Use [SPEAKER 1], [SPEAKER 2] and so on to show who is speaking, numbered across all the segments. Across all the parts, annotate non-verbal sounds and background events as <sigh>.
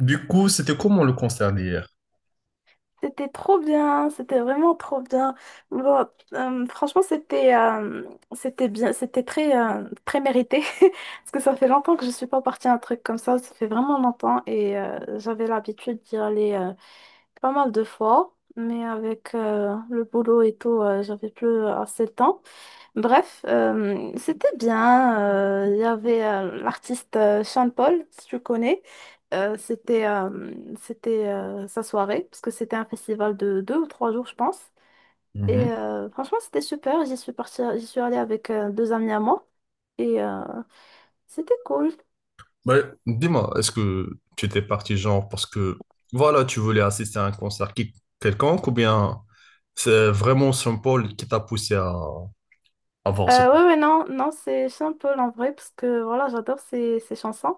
[SPEAKER 1] Du coup, c'était comment le concert d'hier?
[SPEAKER 2] C'était trop bien, c'était vraiment trop bien. Bon, franchement, c'était bien, c'était très très mérité <laughs> parce que ça fait longtemps que je suis pas partie à un truc comme ça fait vraiment longtemps et j'avais l'habitude d'y aller pas mal de fois, mais avec le boulot et tout, j'avais plus assez de temps. Bref, c'était bien. Il y avait l'artiste Sean Paul, si tu connais. Euh, c'était euh, c'était sa soirée, parce que c'était un festival de deux ou trois jours, je pense. Et
[SPEAKER 1] Mhm.
[SPEAKER 2] franchement, c'était super. J'y suis partie, j'y suis allée avec deux amis à moi. Et c'était cool.
[SPEAKER 1] Bah, dis-moi, est-ce que tu étais parti genre parce que voilà, tu voulais assister à un concert quelconque, ou bien c'est vraiment Saint-Paul qui t'a poussé à voir ce...
[SPEAKER 2] Ouais, ouais, non, non, c'est Sean Paul en vrai, parce que voilà, j'adore ses chansons.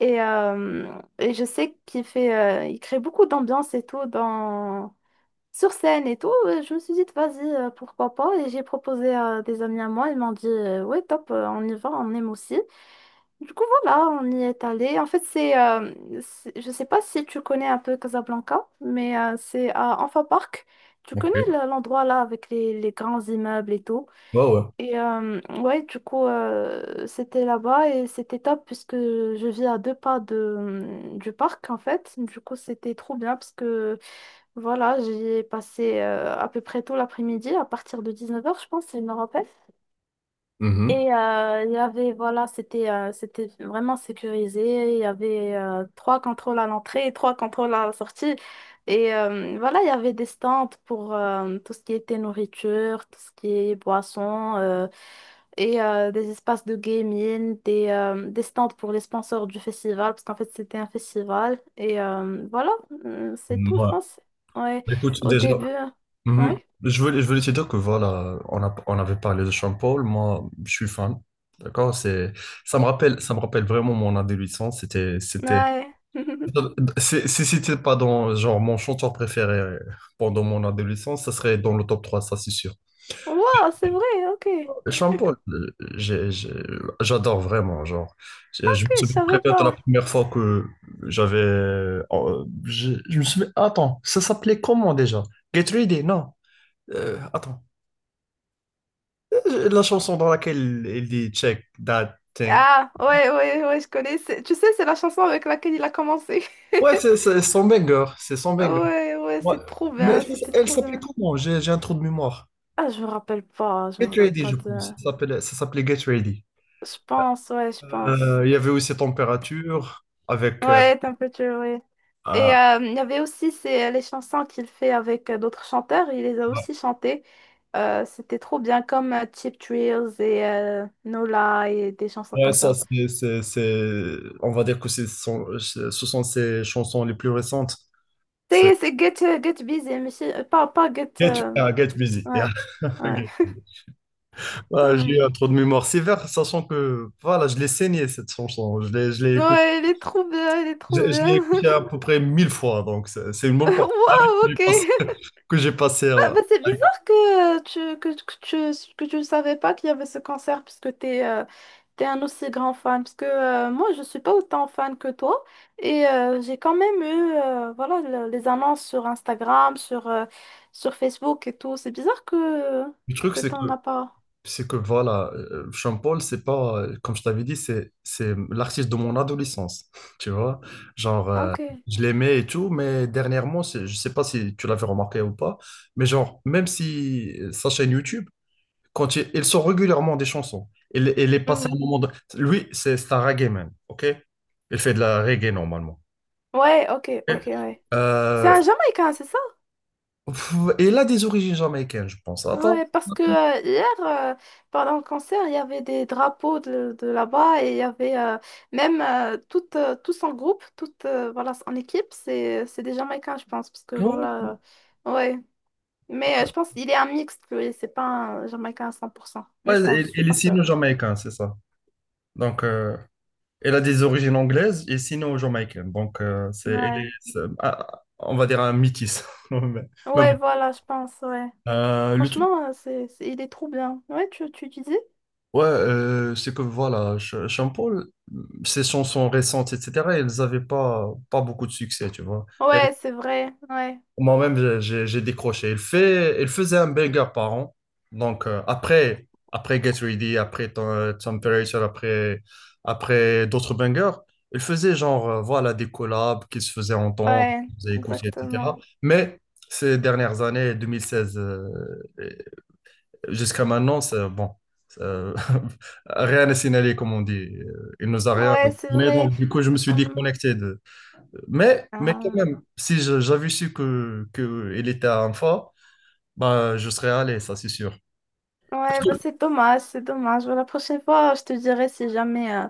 [SPEAKER 2] Et, euh, et je sais qu'il fait, il crée beaucoup d'ambiance et tout dans. Sur scène et tout, je me suis dit, vas-y, pourquoi pas. Et j'ai proposé à des amis à moi, ils m'ont dit, ouais, top, on y va, on aime aussi. Du coup, voilà, on y est allé. En fait, je sais pas si tu connais un peu Casablanca, mais c'est à Anfa Park. Tu connais
[SPEAKER 1] Ok.
[SPEAKER 2] l'endroit là avec les grands immeubles et tout.
[SPEAKER 1] Ouais, ouais.
[SPEAKER 2] Et ouais, du coup, c'était là-bas et c'était top puisque je vis à deux pas du parc en fait. Du coup, c'était trop bien parce que. Voilà, j'y ai passé à peu près tout l'après-midi, à partir de 19h, je pense, il me rappelle.
[SPEAKER 1] Mhm.
[SPEAKER 2] Et il y avait, voilà, c'était vraiment sécurisé. Il y avait trois contrôles à l'entrée et trois contrôles à la sortie. Et voilà, il y avait des stands pour tout ce qui était nourriture, tout ce qui est boisson. Et des espaces de gaming, des stands pour les sponsors du festival, parce qu'en fait c'était un festival. Et voilà, c'est tout, je
[SPEAKER 1] Ouais.
[SPEAKER 2] pense. Ouais,
[SPEAKER 1] Écoute,
[SPEAKER 2] au
[SPEAKER 1] déjà,
[SPEAKER 2] début, hein.
[SPEAKER 1] mhm,
[SPEAKER 2] Ouais,
[SPEAKER 1] je voulais, je voulais te dire que voilà, on a, on avait parlé de Saint-Paul, moi, je suis fan, d'accord? C'est, ça me rappelle vraiment mon adolescence, c'était, c'était...
[SPEAKER 2] ouais. <laughs>
[SPEAKER 1] Si, si c'était pas dans genre mon chanteur préféré pendant mon adolescence, ça serait dans le top 3, ça c'est sûr.
[SPEAKER 2] Wow, c'est vrai, ok.
[SPEAKER 1] Sean Paul, j'adore vraiment, genre. Je
[SPEAKER 2] Ok,
[SPEAKER 1] me
[SPEAKER 2] je
[SPEAKER 1] souviens très
[SPEAKER 2] savais
[SPEAKER 1] bien de la
[SPEAKER 2] pas.
[SPEAKER 1] première fois que j'avais. Je me souviens. Attends, ça s'appelait comment déjà? Get Ready, non. Attends. La chanson dans laquelle il dit Check that thing.
[SPEAKER 2] Ah, ouais, ouais, ouais, je connais. Tu sais, c'est la chanson avec laquelle il a commencé.
[SPEAKER 1] Ouais,
[SPEAKER 2] <laughs>
[SPEAKER 1] c'est son banger, c'est son banger.
[SPEAKER 2] Ouais, ouais,
[SPEAKER 1] Ouais.
[SPEAKER 2] c'est trop
[SPEAKER 1] Mais
[SPEAKER 2] bien, c'était
[SPEAKER 1] elle
[SPEAKER 2] trop
[SPEAKER 1] s'appelait
[SPEAKER 2] bien.
[SPEAKER 1] comment? J'ai un trou de mémoire.
[SPEAKER 2] Ah, je me rappelle pas, je me
[SPEAKER 1] Get
[SPEAKER 2] rappelle
[SPEAKER 1] Ready,
[SPEAKER 2] pas
[SPEAKER 1] je pense.
[SPEAKER 2] de...
[SPEAKER 1] Ça s'appelait Get Ready.
[SPEAKER 2] Je pense.
[SPEAKER 1] Il y avait aussi Température avec.
[SPEAKER 2] Ouais, t'es un peu tué, ouais. Et
[SPEAKER 1] Ah,
[SPEAKER 2] il y avait aussi les chansons qu'il fait avec d'autres chanteurs, il les a
[SPEAKER 1] ouais,
[SPEAKER 2] aussi chantées. C'était trop bien, comme Cheap Thrills et Nola et des chansons
[SPEAKER 1] ouais,
[SPEAKER 2] comme
[SPEAKER 1] ça,
[SPEAKER 2] ça.
[SPEAKER 1] c'est- on va dire que c'est son- ce sont ses chansons les plus récentes. C'est
[SPEAKER 2] C'est Get Busy, mais pas Get...
[SPEAKER 1] Get, ah, Get Busy. Yeah.
[SPEAKER 2] Ouais,
[SPEAKER 1] <laughs>
[SPEAKER 2] ouais,
[SPEAKER 1] Ok. Ah, j'ai
[SPEAKER 2] ouais.
[SPEAKER 1] eu trop de mémoire sévère, sachant que voilà, je l'ai saigné cette chanson. Je l'ai écouté.
[SPEAKER 2] Ouais, il est trop bien, il est trop
[SPEAKER 1] Je
[SPEAKER 2] bien.
[SPEAKER 1] l'ai écouté à
[SPEAKER 2] <laughs>
[SPEAKER 1] peu près mille fois, donc c'est une bonne partie de ma vie
[SPEAKER 2] Waouh,
[SPEAKER 1] que j'ai
[SPEAKER 2] ok.
[SPEAKER 1] passée. <laughs> Que j'ai passé,
[SPEAKER 2] Ah,
[SPEAKER 1] hein.
[SPEAKER 2] bah, c'est bizarre que tu, que tu ne savais pas qu'il y avait ce concert puisque tu es un aussi grand fan. Parce que moi, je ne suis pas autant fan que toi. Et j'ai quand même eu voilà, les annonces sur Instagram, sur Facebook et tout. C'est bizarre que,
[SPEAKER 1] Le truc,
[SPEAKER 2] que
[SPEAKER 1] c'est
[SPEAKER 2] tu
[SPEAKER 1] que
[SPEAKER 2] n'en as pas.
[SPEAKER 1] C'est que voilà, Sean Paul, c'est pas, comme je t'avais dit, c'est l'artiste de mon adolescence, <laughs> tu vois. Genre,
[SPEAKER 2] Ah, ok.
[SPEAKER 1] je l'aimais et tout, mais dernièrement, c'est- je sais pas si tu l'avais remarqué ou pas, mais genre, même si sa chaîne YouTube, quand il sort régulièrement des chansons, il est passé
[SPEAKER 2] Hmm.
[SPEAKER 1] un moment de... Lui, c'est un reggae man, ok? Il fait de la reggae normalement.
[SPEAKER 2] Ouais, ok, ok,
[SPEAKER 1] Ok.
[SPEAKER 2] ouais. C'est
[SPEAKER 1] Euh,
[SPEAKER 2] un Jamaïcain, c'est ça?
[SPEAKER 1] pff, et il a des origines jamaïcaines, je pense. Attends,
[SPEAKER 2] Ouais, parce que hier, pendant le concert, il y avait des drapeaux de là-bas et il y avait même tout, tous en groupe, tout, voilà, en équipe, c'est des Jamaïcains, je pense, parce que
[SPEAKER 1] ouais,
[SPEAKER 2] voilà, ouais. Mais je pense qu'il est un mixte, lui, c'est pas un Jamaïcain à 100%, mais
[SPEAKER 1] ouais,
[SPEAKER 2] je pense, je suis
[SPEAKER 1] il est
[SPEAKER 2] pas sûre.
[SPEAKER 1] signé jamaïcain, c'est ça. Donc... elle a des origines anglaises et sinon jamaïcaines. Donc, c'est, elle
[SPEAKER 2] Ouais,
[SPEAKER 1] est, c'est- ah, on va dire un métis. <laughs> Mais mais
[SPEAKER 2] ouais,
[SPEAKER 1] bon.
[SPEAKER 2] voilà, je pense, ouais.
[SPEAKER 1] Euh, le truc,
[SPEAKER 2] Franchement, il est trop bien. Ouais, tu disais?
[SPEAKER 1] ouais, c'est que voilà, Sean Paul, ses chansons récentes, etc., elles n'avaient pas, pas beaucoup de succès, tu vois.
[SPEAKER 2] Ouais, c'est vrai, ouais,
[SPEAKER 1] Moi-même, j'ai j'ai décroché. Il fait, il faisait un burger par an. Donc, après, après Get Ready, après Temperature, après, après d'autres bangers, il faisait genre, voilà, des collabs qui se faisaient entendre,
[SPEAKER 2] ouais,
[SPEAKER 1] qui se faisaient écouter, etc.
[SPEAKER 2] exactement.
[SPEAKER 1] Mais ces dernières années, 2016 et jusqu'à maintenant, c'est bon. euh, <laughs> Rien n'est signalé, comme on dit. Il nous a rien
[SPEAKER 2] Ouais, c'est
[SPEAKER 1] donné.
[SPEAKER 2] vrai.
[SPEAKER 1] Donc, du coup, je me suis déconnecté, mais quand
[SPEAKER 2] Hum.
[SPEAKER 1] même, si j'avais su que il était à Anfa, bah, je serais allé, ça c'est sûr. Parce
[SPEAKER 2] Ouais, bah
[SPEAKER 1] que-
[SPEAKER 2] c'est dommage, c'est dommage. Bah, la prochaine fois, je te dirai si jamais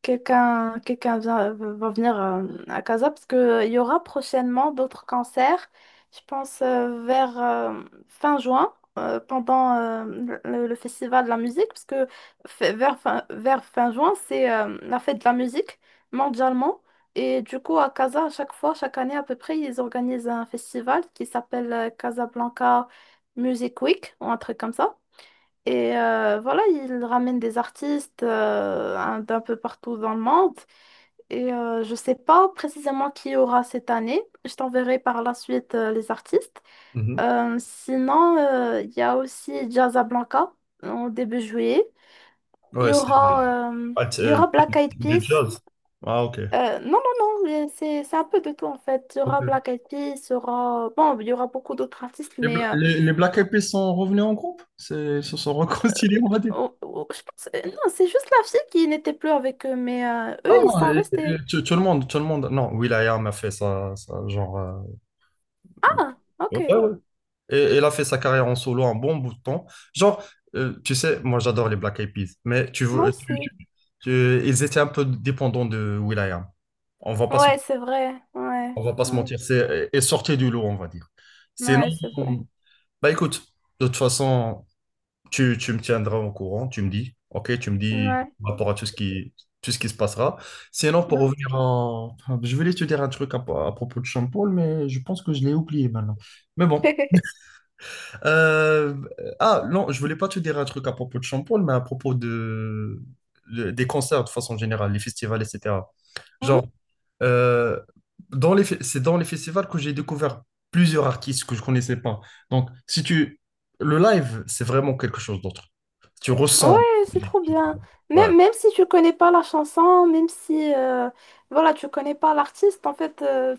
[SPEAKER 2] quelqu'un va venir à Casa, parce que il y aura prochainement d'autres concerts, je pense vers fin juin, pendant le festival de la musique, parce que vers fin juin, c'est la fête de la musique mondialement. Et du coup, à Casa, à chaque fois, chaque année à peu près, ils organisent un festival qui s'appelle Casablanca Music Week, ou un truc comme ça. Et voilà, ils ramènent des artistes d'un peu partout dans le monde. Et je ne sais pas précisément qui y aura cette année. Je t'enverrai par la suite les artistes.
[SPEAKER 1] Mhm.
[SPEAKER 2] Sinon, il y a aussi Jazzablanca en début juillet. Il
[SPEAKER 1] Ouais,
[SPEAKER 2] y
[SPEAKER 1] c'est
[SPEAKER 2] aura, euh,
[SPEAKER 1] ah, c'est,
[SPEAKER 2] il y aura Black Eyed
[SPEAKER 1] du
[SPEAKER 2] Peas.
[SPEAKER 1] jazz. Ah, ok.
[SPEAKER 2] Non, non, non, mais c'est un peu de tout en fait. Il y
[SPEAKER 1] Ok.
[SPEAKER 2] aura Black Eyed Peas, il y aura... Bon, il y aura beaucoup d'autres artistes,
[SPEAKER 1] Les,
[SPEAKER 2] mais...
[SPEAKER 1] Les Black Eyed Peas sont revenus en groupe? C'est- ils se sont <laughs> réconciliés, on va dire.
[SPEAKER 2] Oh, oh, je pense... Non, c'est juste la fille qui n'était plus avec eux, mais eux,
[SPEAKER 1] Non,
[SPEAKER 2] ils sont restés.
[SPEAKER 1] tout, tout le monde, tout le monde. Non, will.i.am a fait ça, ça genre.
[SPEAKER 2] Ah, ok.
[SPEAKER 1] Ouais, ouais, et a fait sa carrière en solo un bon bout de temps. Genre, tu sais, moi j'adore les Black Eyed Peas, mais tu, veux,
[SPEAKER 2] Moi aussi.
[SPEAKER 1] ils étaient un peu dépendants de Will.i.am. On va pas se,
[SPEAKER 2] Ouais, c'est vrai. Ouais,
[SPEAKER 1] on va pas se
[SPEAKER 2] ouais,
[SPEAKER 1] mentir, c'est et sortez du lot, on va dire. Sinon,
[SPEAKER 2] ouais, c'est vrai.
[SPEAKER 1] bah écoute, de toute façon, tu me tiendras au courant, tu me dis, ok, tu me dis
[SPEAKER 2] Ouais,
[SPEAKER 1] par rapport à tout ce qui se passera. Sinon, pour
[SPEAKER 2] ouais.
[SPEAKER 1] revenir en... Je voulais te dire un truc à propos de Sean Paul, mais je pense que je l'ai oublié maintenant. Mais bon, euh, ah, non, je voulais pas te dire un truc à propos de Champol, mais à propos de, des concerts de façon générale, les festivals, etc. Genre,
[SPEAKER 2] <laughs> <laughs>
[SPEAKER 1] euh, dans les, c'est dans les festivals que j'ai découvert plusieurs artistes que je connaissais pas. Donc, si tu, le live, c'est vraiment quelque chose d'autre. Tu
[SPEAKER 2] Ouais,
[SPEAKER 1] ressens.
[SPEAKER 2] c'est trop bien.
[SPEAKER 1] Ouais,
[SPEAKER 2] Même si tu connais pas la chanson, même si voilà, tu connais pas l'artiste, en fait,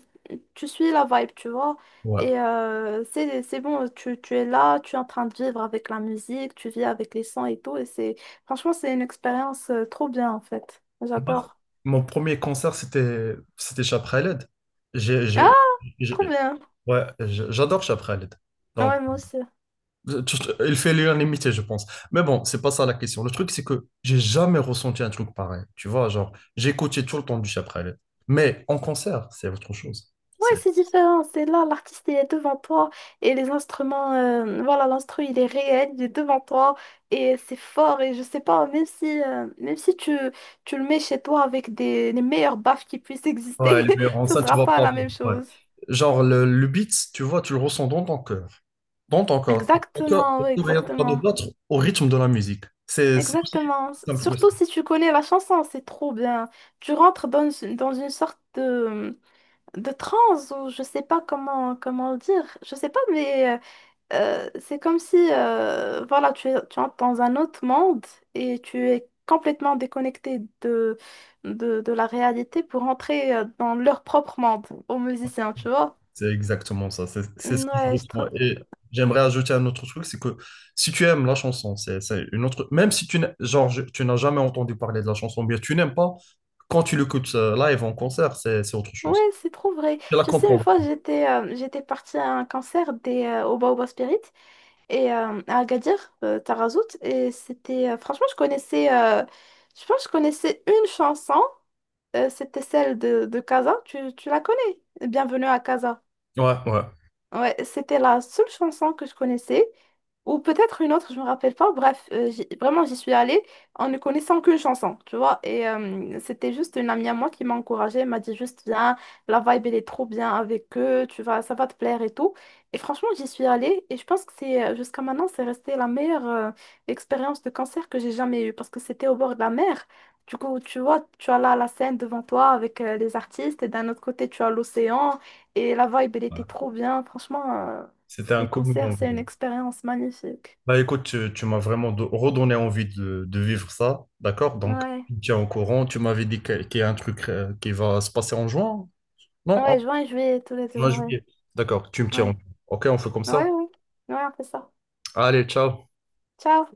[SPEAKER 2] tu suis la vibe, tu vois.
[SPEAKER 1] ouais.
[SPEAKER 2] Et c'est bon, tu es là, tu es en train de vivre avec la musique, tu vis avec les sons et tout. Et c'est franchement, c'est une expérience trop bien, en fait. J'adore.
[SPEAKER 1] Mon premier concert, c'était, c'était Chapraled. J'ai,
[SPEAKER 2] Ah,
[SPEAKER 1] j'ai-
[SPEAKER 2] trop bien.
[SPEAKER 1] ouais, j'ai- j'adore Chapraled. Donc,
[SPEAKER 2] Ouais, moi aussi.
[SPEAKER 1] juste, il fait l'unanimité, je pense. Mais bon, c'est pas ça la question. Le truc, c'est que j'ai jamais ressenti un truc pareil. Tu vois, genre, j'ai écouté tout le temps du Chapralet. Mais en concert, c'est autre chose.
[SPEAKER 2] Ouais,
[SPEAKER 1] C'est...
[SPEAKER 2] c'est différent. C'est là, l'artiste, il est devant toi et les instruments, voilà, l'instru, il est réel, il est devant toi et c'est fort. Et je sais pas, même si tu le mets chez toi avec les meilleures baffes qui puissent exister,
[SPEAKER 1] Ouais, les meilleurs
[SPEAKER 2] <laughs> ce
[SPEAKER 1] enceintes, tu
[SPEAKER 2] sera
[SPEAKER 1] vas pas
[SPEAKER 2] pas
[SPEAKER 1] voir.
[SPEAKER 2] la même
[SPEAKER 1] Ouais.
[SPEAKER 2] chose.
[SPEAKER 1] Genre, le beat, tu vois, tu le ressens dans ton cœur. Dans ton corps.
[SPEAKER 2] Exactement, oui,
[SPEAKER 1] Ton cœur est en train de
[SPEAKER 2] exactement.
[SPEAKER 1] battre au rythme de la musique. C'est aussi
[SPEAKER 2] Exactement.
[SPEAKER 1] simple.
[SPEAKER 2] Surtout si tu connais la chanson, c'est trop bien. Tu rentres dans une sorte de transe ou je sais pas comment le dire. Je sais pas, mais. C'est comme si voilà, tu entres dans un autre monde et tu es complètement déconnecté de la réalité pour entrer dans leur propre monde aux musiciens, tu vois?
[SPEAKER 1] C'est exactement ça, c'est ce
[SPEAKER 2] Mm,
[SPEAKER 1] que je
[SPEAKER 2] ouais, je
[SPEAKER 1] ressens.
[SPEAKER 2] trouve.
[SPEAKER 1] Et j'aimerais ajouter un autre truc, c'est que si tu aimes la chanson, c'est une autre... Même si tu n'as genre, je- tu n'as jamais entendu parler de la chanson, bien tu n'aimes pas, quand tu l'écoutes live en concert, c'est autre
[SPEAKER 2] Ouais,
[SPEAKER 1] chose.
[SPEAKER 2] c'est trop vrai.
[SPEAKER 1] Tu la
[SPEAKER 2] Tu sais, une
[SPEAKER 1] comprends.
[SPEAKER 2] fois, j'étais partie à un concert des Oba Oba Spirit et à Agadir, Tarazout, et c'était franchement, je connaissais je pense que je connaissais une chanson, c'était celle de Casa. Tu la connais? Bienvenue à Casa.
[SPEAKER 1] Ouais, ouais.
[SPEAKER 2] Ouais, c'était la seule chanson que je connaissais, ou peut-être une autre, je me rappelle pas. Bref, vraiment, j'y suis allée en ne connaissant qu'une chanson, tu vois. Et c'était juste une amie à moi qui m'a encouragée, elle m'a dit juste viens, la vibe elle est trop bien avec eux, tu vas, ça va te plaire et tout. Et franchement, j'y suis allée et je pense que c'est jusqu'à maintenant, c'est resté la meilleure expérience de concert que j'ai jamais eue parce que c'était au bord de la mer. Du coup, tu vois, tu as là la scène devant toi avec les artistes et d'un autre côté, tu as l'océan. Et la vibe, elle était
[SPEAKER 1] Ouais.
[SPEAKER 2] trop bien. Franchement,
[SPEAKER 1] C'était un
[SPEAKER 2] les
[SPEAKER 1] commun
[SPEAKER 2] concerts, c'est une
[SPEAKER 1] envie.
[SPEAKER 2] expérience magnifique.
[SPEAKER 1] Bah écoute, tu m'as vraiment redonné envie de vivre ça, d'accord? Donc,
[SPEAKER 2] Ouais.
[SPEAKER 1] tu me tiens au courant, tu m'avais dit qu'il y a un truc qui va se passer en juin? Non, en
[SPEAKER 2] Ouais, juin et juillet, tous les deux.
[SPEAKER 1] juin,
[SPEAKER 2] Ouais.
[SPEAKER 1] juillet. D'accord, tu me tiens.
[SPEAKER 2] Ouais.
[SPEAKER 1] Au- Ok, on fait comme ça.
[SPEAKER 2] Ouais, ouais. Ouais, on fait ça.
[SPEAKER 1] Allez, ciao.
[SPEAKER 2] Ciao.